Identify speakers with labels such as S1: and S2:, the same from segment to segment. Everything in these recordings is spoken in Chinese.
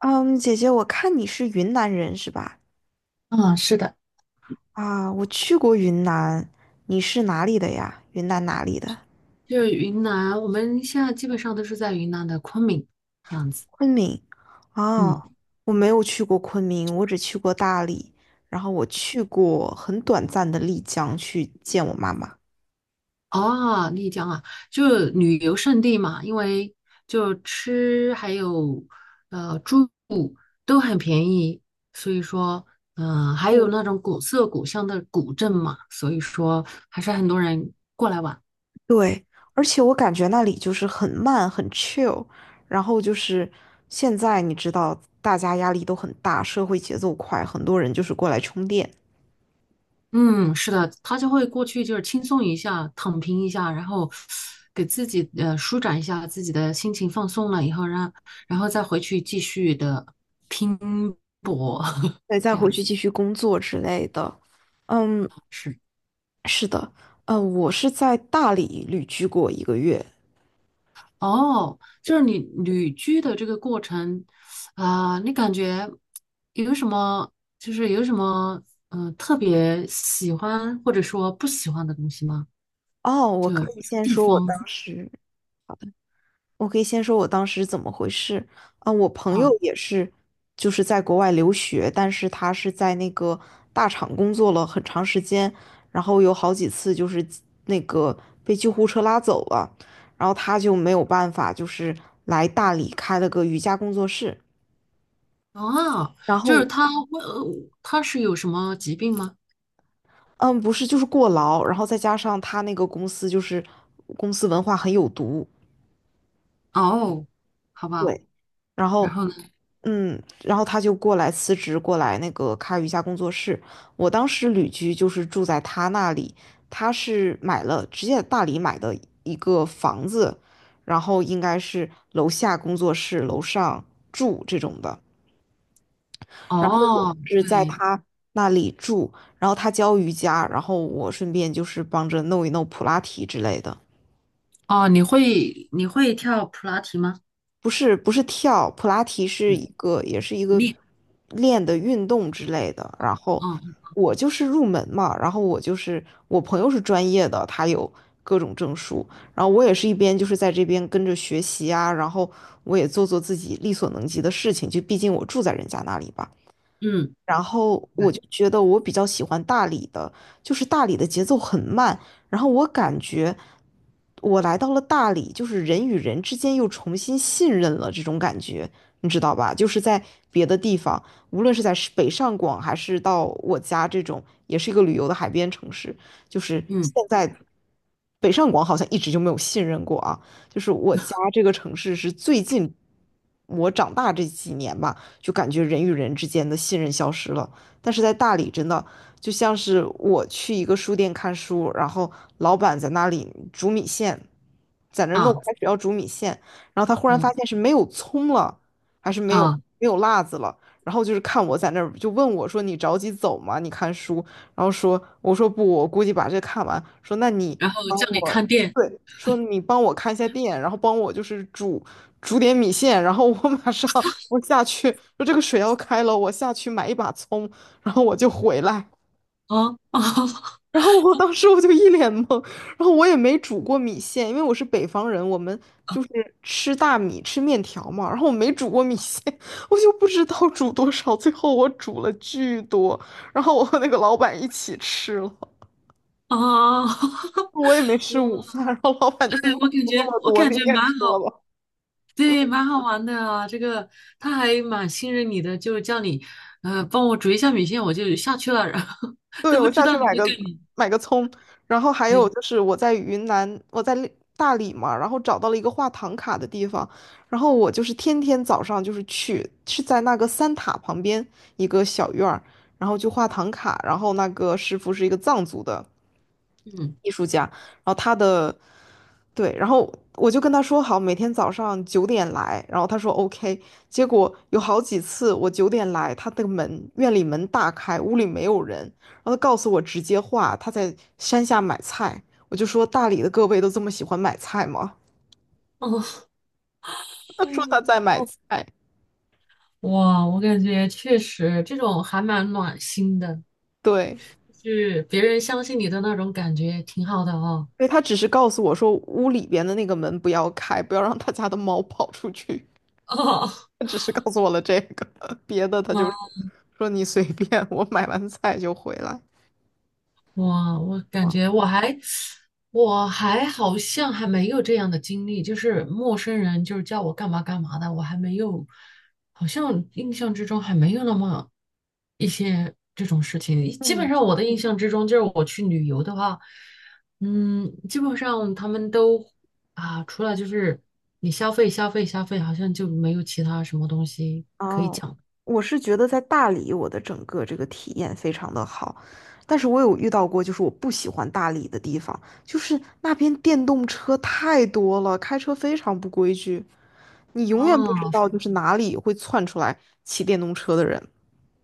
S1: 嗯，姐姐，我看你是云南人是吧？
S2: 嗯，是的，
S1: 啊，我去过云南，你是哪里的呀？云南哪里的？
S2: 就是云南，我们现在基本上都是在云南的昆明这样子。
S1: 昆明。
S2: 嗯
S1: 哦，我没有去过昆明，我只去过大理，然后我去过很短暂的丽江去见我妈妈。
S2: 哦，丽江啊，就旅游胜地嘛，因为就吃还有住都很便宜，所以说还
S1: 嗯，
S2: 有那种古色古香的古镇嘛，所以说还是很多人过来玩。
S1: 对，而且我感觉那里就是很慢，很 chill，然后就是现在你知道，大家压力都很大，社会节奏快，很多人就是过来充电，
S2: 嗯，是的，他就会过去就是轻松一下，躺平一下，然后给自己舒展一下自己的心情，放松了以后，然后再回去继续的拼搏，
S1: 对，再
S2: 这
S1: 回
S2: 样
S1: 去
S2: 子
S1: 继续工作之类的。嗯，
S2: 是。
S1: 是的，我是在大理旅居过一个月。
S2: 哦，就是你旅居的这个过程啊、你感觉有什么有什么特别喜欢或者说不喜欢的东西吗？
S1: 哦，我
S2: 就或
S1: 可以
S2: 者
S1: 先
S2: 地
S1: 说我
S2: 方
S1: 当时，好的，我可以先说我当时怎么回事。啊、我朋友
S2: 啊。
S1: 也是，就是在国外留学，但是他是在那个大厂工作了很长时间，然后有好几次就是那个被救护车拉走了，然后他就没有办法，就是来大理开了个瑜伽工作室。
S2: 哦，
S1: 然
S2: 就是
S1: 后
S2: 他问，他是有什么疾病吗？
S1: 嗯，不是，就是过劳，然后再加上他那个公司就是公司文化很有毒，
S2: 哦，好吧，
S1: 对，然
S2: 然
S1: 后
S2: 后呢？
S1: 嗯，然后他就过来辞职，过来那个开瑜伽工作室。我当时旅居就是住在他那里，他是买了直接在大理买的一个房子，然后应该是楼下工作室，楼上住这种的。然后我
S2: 哦，
S1: 是在
S2: 对。
S1: 他那里住，然后他教瑜伽，然后我顺便就是帮着弄一弄普拉提之类的。
S2: 哦，你会跳普拉提吗？
S1: 不是跳，普拉提是一个
S2: 你，
S1: 练的运动之类的。然后
S2: 哦。
S1: 我就是入门嘛，然后我就是我朋友是专业的，他有各种证书，然后我也是一边就是在这边跟着学习啊，然后我也做做自己力所能及的事情，就毕竟我住在人家那里吧。
S2: 嗯
S1: 然后我就觉得我比较喜欢大理的，就是大理的节奏很慢，然后我感觉我来到了大理，就是人与人之间又重新信任了这种感觉，你知道吧？就是在别的地方，无论是在北上广还是到我家这种，也是一个旅游的海边城市，就是现
S2: 嗯
S1: 在北上广好像一直就没有信任过啊，就是我家这个城市是最近我长大这几年吧。就感觉人与人之间的信任消失了。但是在大理，真的就像是我去一个书店看书，然后老板在那里煮米线，在那儿弄开
S2: 啊
S1: 始要煮米线，然后他忽然发
S2: 嗯
S1: 现是没有葱了，还是没有
S2: 啊，
S1: 没有辣子了。然后就是看我在那儿，就问我说："你着急走吗？你看书。"然后说："我说不，我估计把这看完。"说："那你
S2: 然后
S1: 帮
S2: 叫你
S1: 我，
S2: 看店。
S1: 对，说你帮我看一下店，然后帮我就是煮点米线，然后我马上我下去，说这个水要开了，我下去买一把葱，然后我就回来。"
S2: 哦哦
S1: 然后我当时我就一脸懵，然后我也没煮过米线，因为我是北方人，我们就是吃大米吃面条嘛，然后我没煮过米线，我就不知道煮多少，最后我煮了巨多，然后我和那个老板一起吃了，
S2: 哦，
S1: 我也没吃
S2: 我
S1: 午饭，然后老板就
S2: 哎，
S1: 说你怎
S2: 我
S1: 么
S2: 感
S1: 煮这
S2: 觉
S1: 么
S2: 我
S1: 多，
S2: 感
S1: 你
S2: 觉
S1: 也
S2: 蛮
S1: 吃了
S2: 好，
S1: 吧。
S2: 对，蛮好玩的啊。这个他还蛮信任你的，就是叫你，帮我煮一下米线，我就下去了，然后 都不知道你会干嘛。
S1: 买个葱。然后还有
S2: 对。
S1: 就是我在云南，我在大理嘛，然后找到了一个画唐卡的地方，然后我就是天天早上就是去，是在那个三塔旁边一个小院儿，然后就画唐卡，然后那个师傅是一个藏族的
S2: 嗯，
S1: 艺术家，然后他的，对，然后我就跟他说好，每天早上九点来，然后他说 OK,结果有好几次我九点来，他的门，院里门大开，屋里没有人，然后他告诉我直接画，他在山下买菜。我就说大理的各位都这么喜欢买菜吗？他说他
S2: 嗯，
S1: 在买菜，
S2: 哇，我感觉确实这种还蛮暖心的，
S1: 对，
S2: 就是别人相信你的那种感觉，挺好的哦。
S1: 所以他只是告诉我说屋里边的那个门不要开，不要让他家的猫跑出去。他 只是告诉我了这个，别的他
S2: 哦，
S1: 就说你随便，我买完菜就回来。
S2: 哇，我感
S1: 哇，
S2: 觉我还我还好像还没有这样的经历，就是陌生人就是叫我干嘛干嘛的，我还没有，好像印象之中还没有那么一些这种事情。基本
S1: 嗯，
S2: 上我的印象之中，就是我去旅游的话，嗯，基本上他们都啊，除了就是你消费消费消费，好像就没有其他什么东西。
S1: 哦，我是觉得在大理，我的整个这个体验非常的好，但是我有遇到过，就是我不喜欢大理的地方，就是那边电动车太多了，开车非常不规矩，你永远不知
S2: 啊。
S1: 道就是哪里会窜出来骑电动车的人。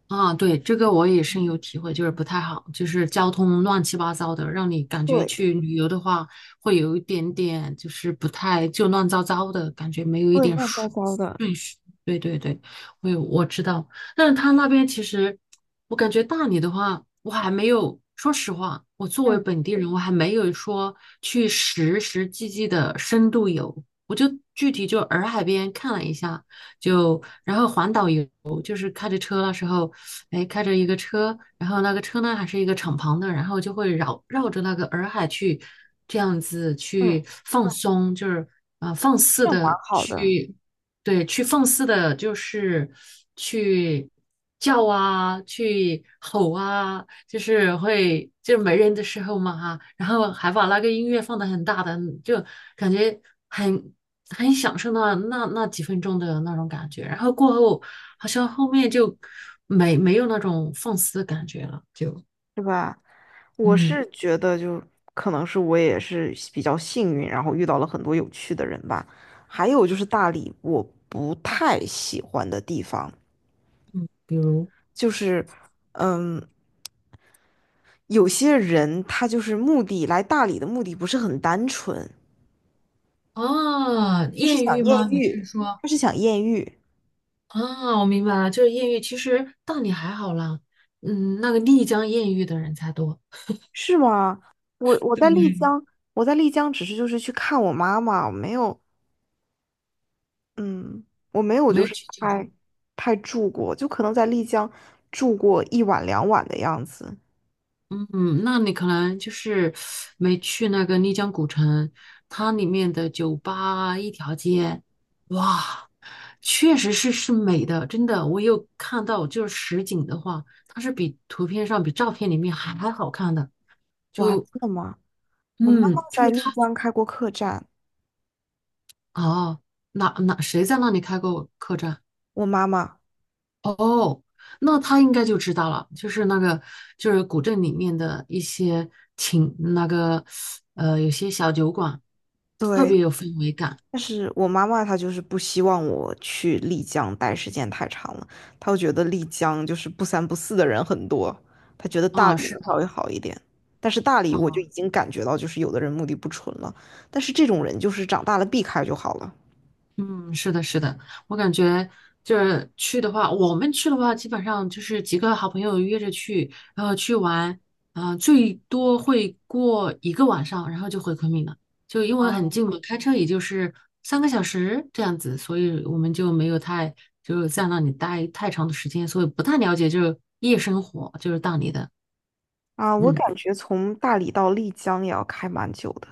S2: 啊，对，这个我也深有体会，就是不太好，就是交通乱七八糟的，让你感觉
S1: 对，
S2: 去旅游的话，会有一点点就是不太就乱糟糟的感觉，没有一
S1: 会
S2: 点
S1: 乱糟
S2: 顺
S1: 糟的。
S2: 顺序。对对对，我知道，但是他那边其实，我感觉大理的话，我还没有，说实话，我作为
S1: 嗯
S2: 本地人，我还没有说去实实际际的深度游，我就具体就洱海边看了一下。就然后环岛游就是开着车那时候，哎，开着一个车，然后那个车呢还是一个敞篷的，然后就会绕着那个洱海去，这样子
S1: 嗯，
S2: 去放松，就是放肆
S1: 这样蛮
S2: 的
S1: 好的，
S2: 去，对，去放肆的，就是去叫啊，去吼啊，就是会就是没人的时候嘛哈，然后还把那个音乐放得很大的，就感觉很很享受那几分钟的那种感觉，然后过后。好像后面就没有那种放肆的感觉了，就
S1: 是吧？我
S2: 嗯。
S1: 是觉得就可能是我也是比较幸运，然后遇到了很多有趣的人吧。还有就是大理，我不太喜欢的地方
S2: 比如，
S1: 就是，嗯，有些人他就是目的来大理的目的不是很单纯，
S2: 啊，
S1: 他是
S2: 艳
S1: 想
S2: 遇
S1: 艳
S2: 吗？你是
S1: 遇，
S2: 说
S1: 他是想艳遇，
S2: 啊？我明白了，就是艳遇。其实大理还好啦，嗯，那个丽江艳遇的人才多，
S1: 是吗？我
S2: 对
S1: 在
S2: 不
S1: 丽
S2: 对，
S1: 江，我在丽江只是就是去看我妈妈，没有嗯，我没有，
S2: 没
S1: 就
S2: 有
S1: 是
S2: 去酒宫。
S1: 太住过，就可能在丽江住过一晚两晚的样子。
S2: 嗯，那你可能就是没去那个丽江古城，它里面的酒吧一条街。哇。确实是是美的，真的，我有看到，就是实景的话，它是比图片上、比照片里面还还好看的。
S1: 哇，真的吗？我妈
S2: 嗯，
S1: 妈
S2: 就
S1: 在
S2: 是
S1: 丽
S2: 它。
S1: 江开过客栈，
S2: 哦，谁在那里开过客栈？
S1: 我妈妈，
S2: 哦，那他应该就知道了，就是那个就是古镇里面的一些情，那个有些小酒馆特
S1: 对，
S2: 别有氛围感。
S1: 但是我妈妈她就是不希望我去丽江待时间太长了，她会觉得丽江就是不三不四的人很多，她觉得大
S2: 啊，
S1: 理
S2: 是
S1: 能稍
S2: 的。
S1: 微好一点。但是大理我就已
S2: 啊。
S1: 经感觉到，就是有的人目的不纯了，但是这种人就是长大了避开就好了。
S2: 嗯，是的，是的，我感觉就是去的话，我们去的话，基本上就是几个好朋友约着去，然后去玩，啊、最多会过一个晚上，然后就回昆明了，就因为很近嘛，开车也就是三个小时这样子，所以我们就没有太就是在那里待太长的时间，所以不太了解就是夜生活，就是大理的。
S1: 啊，我
S2: 嗯。
S1: 感觉从大理到丽江也要开蛮久的。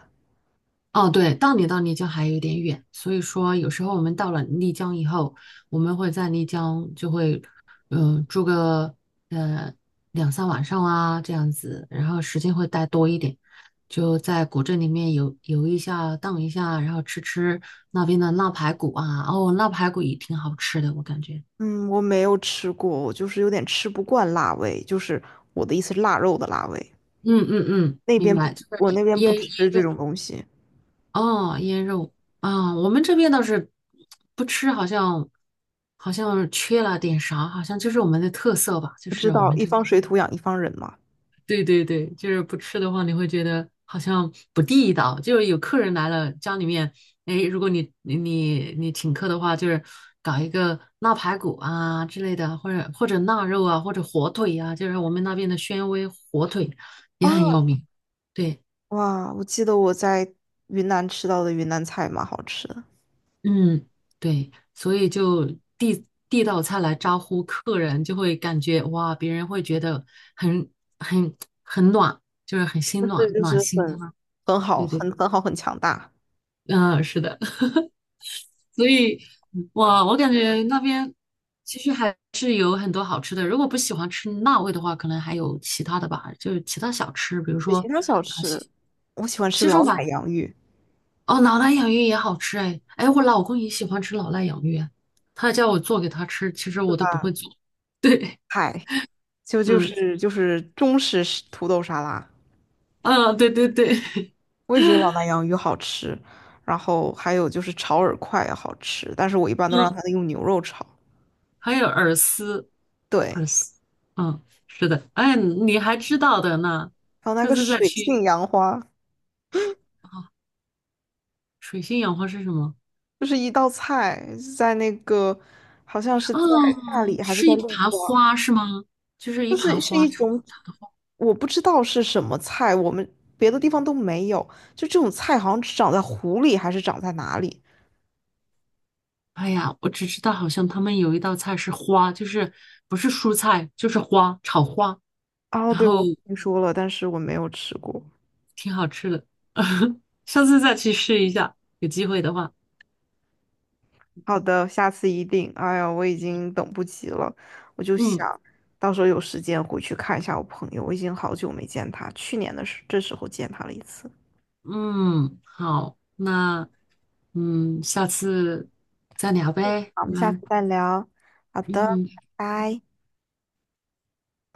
S2: 哦，对，到你到丽江还有一点远，所以说有时候我们到了丽江以后，我们会在丽江就会，住个呃两三晚上啊这样子，然后时间会待多一点，就在古镇里面游游一下、荡一下，然后吃吃那边的腊排骨啊，哦，腊排骨也挺好吃的，我感觉。
S1: 嗯，我没有吃过，我就是有点吃不惯辣味，就是我的意思是腊肉的辣味。
S2: 嗯嗯嗯，
S1: 那
S2: 明
S1: 边不，
S2: 白，就是
S1: 我那边不
S2: 腌
S1: 吃这种东西。
S2: 哦，腌肉啊，我们这边倒是不吃，好像好像缺了点啥，好像就是我们的特色吧，就
S1: 不知
S2: 是我
S1: 道
S2: 们
S1: 一
S2: 这
S1: 方
S2: 边，
S1: 水土养一方人嘛。
S2: 对对对，就是不吃的话，你会觉得好像不地道。就是有客人来了，家里面，哎，如果你请客的话，就是搞一个腊排骨啊之类的，或者或者腊肉啊，或者火腿啊，就是我们那边的宣威火腿也很有
S1: 啊，
S2: 名。对。
S1: 哇，我记得我在云南吃到的云南菜蛮好吃的，
S2: 嗯，对，所以就递道菜来招呼客人，就会感觉哇，别人会觉得很很很暖，就是很心
S1: 就是
S2: 暖
S1: 就是
S2: 暖心的
S1: 很
S2: 嘛。对对，
S1: 很好，很强大。
S2: 嗯，是的，所以哇，我感觉那边其实还是有很多好吃的。如果不喜欢吃辣味的话，可能还有其他的吧，就是其他小吃，比如
S1: 对，其
S2: 说
S1: 他小
S2: 啊西
S1: 吃，我喜欢吃
S2: 西双
S1: 老
S2: 版
S1: 奶洋芋，
S2: 哦，老腊养芋也好吃哎，哎，我老公也喜欢吃老腊养芋，他叫我做给他吃，其实
S1: 对
S2: 我都不
S1: 吧？
S2: 会做。对。
S1: 嗨，就就
S2: 嗯，
S1: 是就是中式是土豆沙拉。
S2: 啊，对对对。
S1: 我也觉得老南洋鱼好吃，然后还有就是炒饵块也好吃，但是我一般 都
S2: 嗯，
S1: 让他用牛肉炒。
S2: 还有耳丝，耳
S1: 对，
S2: 丝，嗯，是的，哎，你还知道的呢，
S1: 还有那
S2: 下
S1: 个
S2: 次再
S1: 水性
S2: 去
S1: 杨花，
S2: 啊。水性杨花是什么？
S1: 就是一道菜，在那个好像是在大
S2: 嗯，
S1: 理还是
S2: 是
S1: 在
S2: 一
S1: 陆
S2: 盘
S1: 家，
S2: 花是吗？就是一
S1: 就
S2: 盘
S1: 是是
S2: 花
S1: 一
S2: 炒。
S1: 种我不知道是什么菜，我们别的地方都没有，就这种菜好像只长在湖里还是长在哪里。
S2: 哎呀，我只知道好像他们有一道菜是花，就是不是蔬菜，就是花，炒花。
S1: 哦，
S2: 然
S1: 对，
S2: 后
S1: 我听说了，但是我没有吃过。
S2: 挺好吃的，下次再去试一下，有机会的话。
S1: 好的，下次一定。哎呀，我已经等不及了，我就
S2: 嗯
S1: 想到时候有时间回去看一下我朋友，我已经好久没见他，去年的这时候见他了一次。
S2: 嗯，好，那嗯，下次再聊呗，
S1: 好，我
S2: 我
S1: 们下
S2: 们
S1: 次再聊。好的，
S2: 嗯。
S1: 拜拜。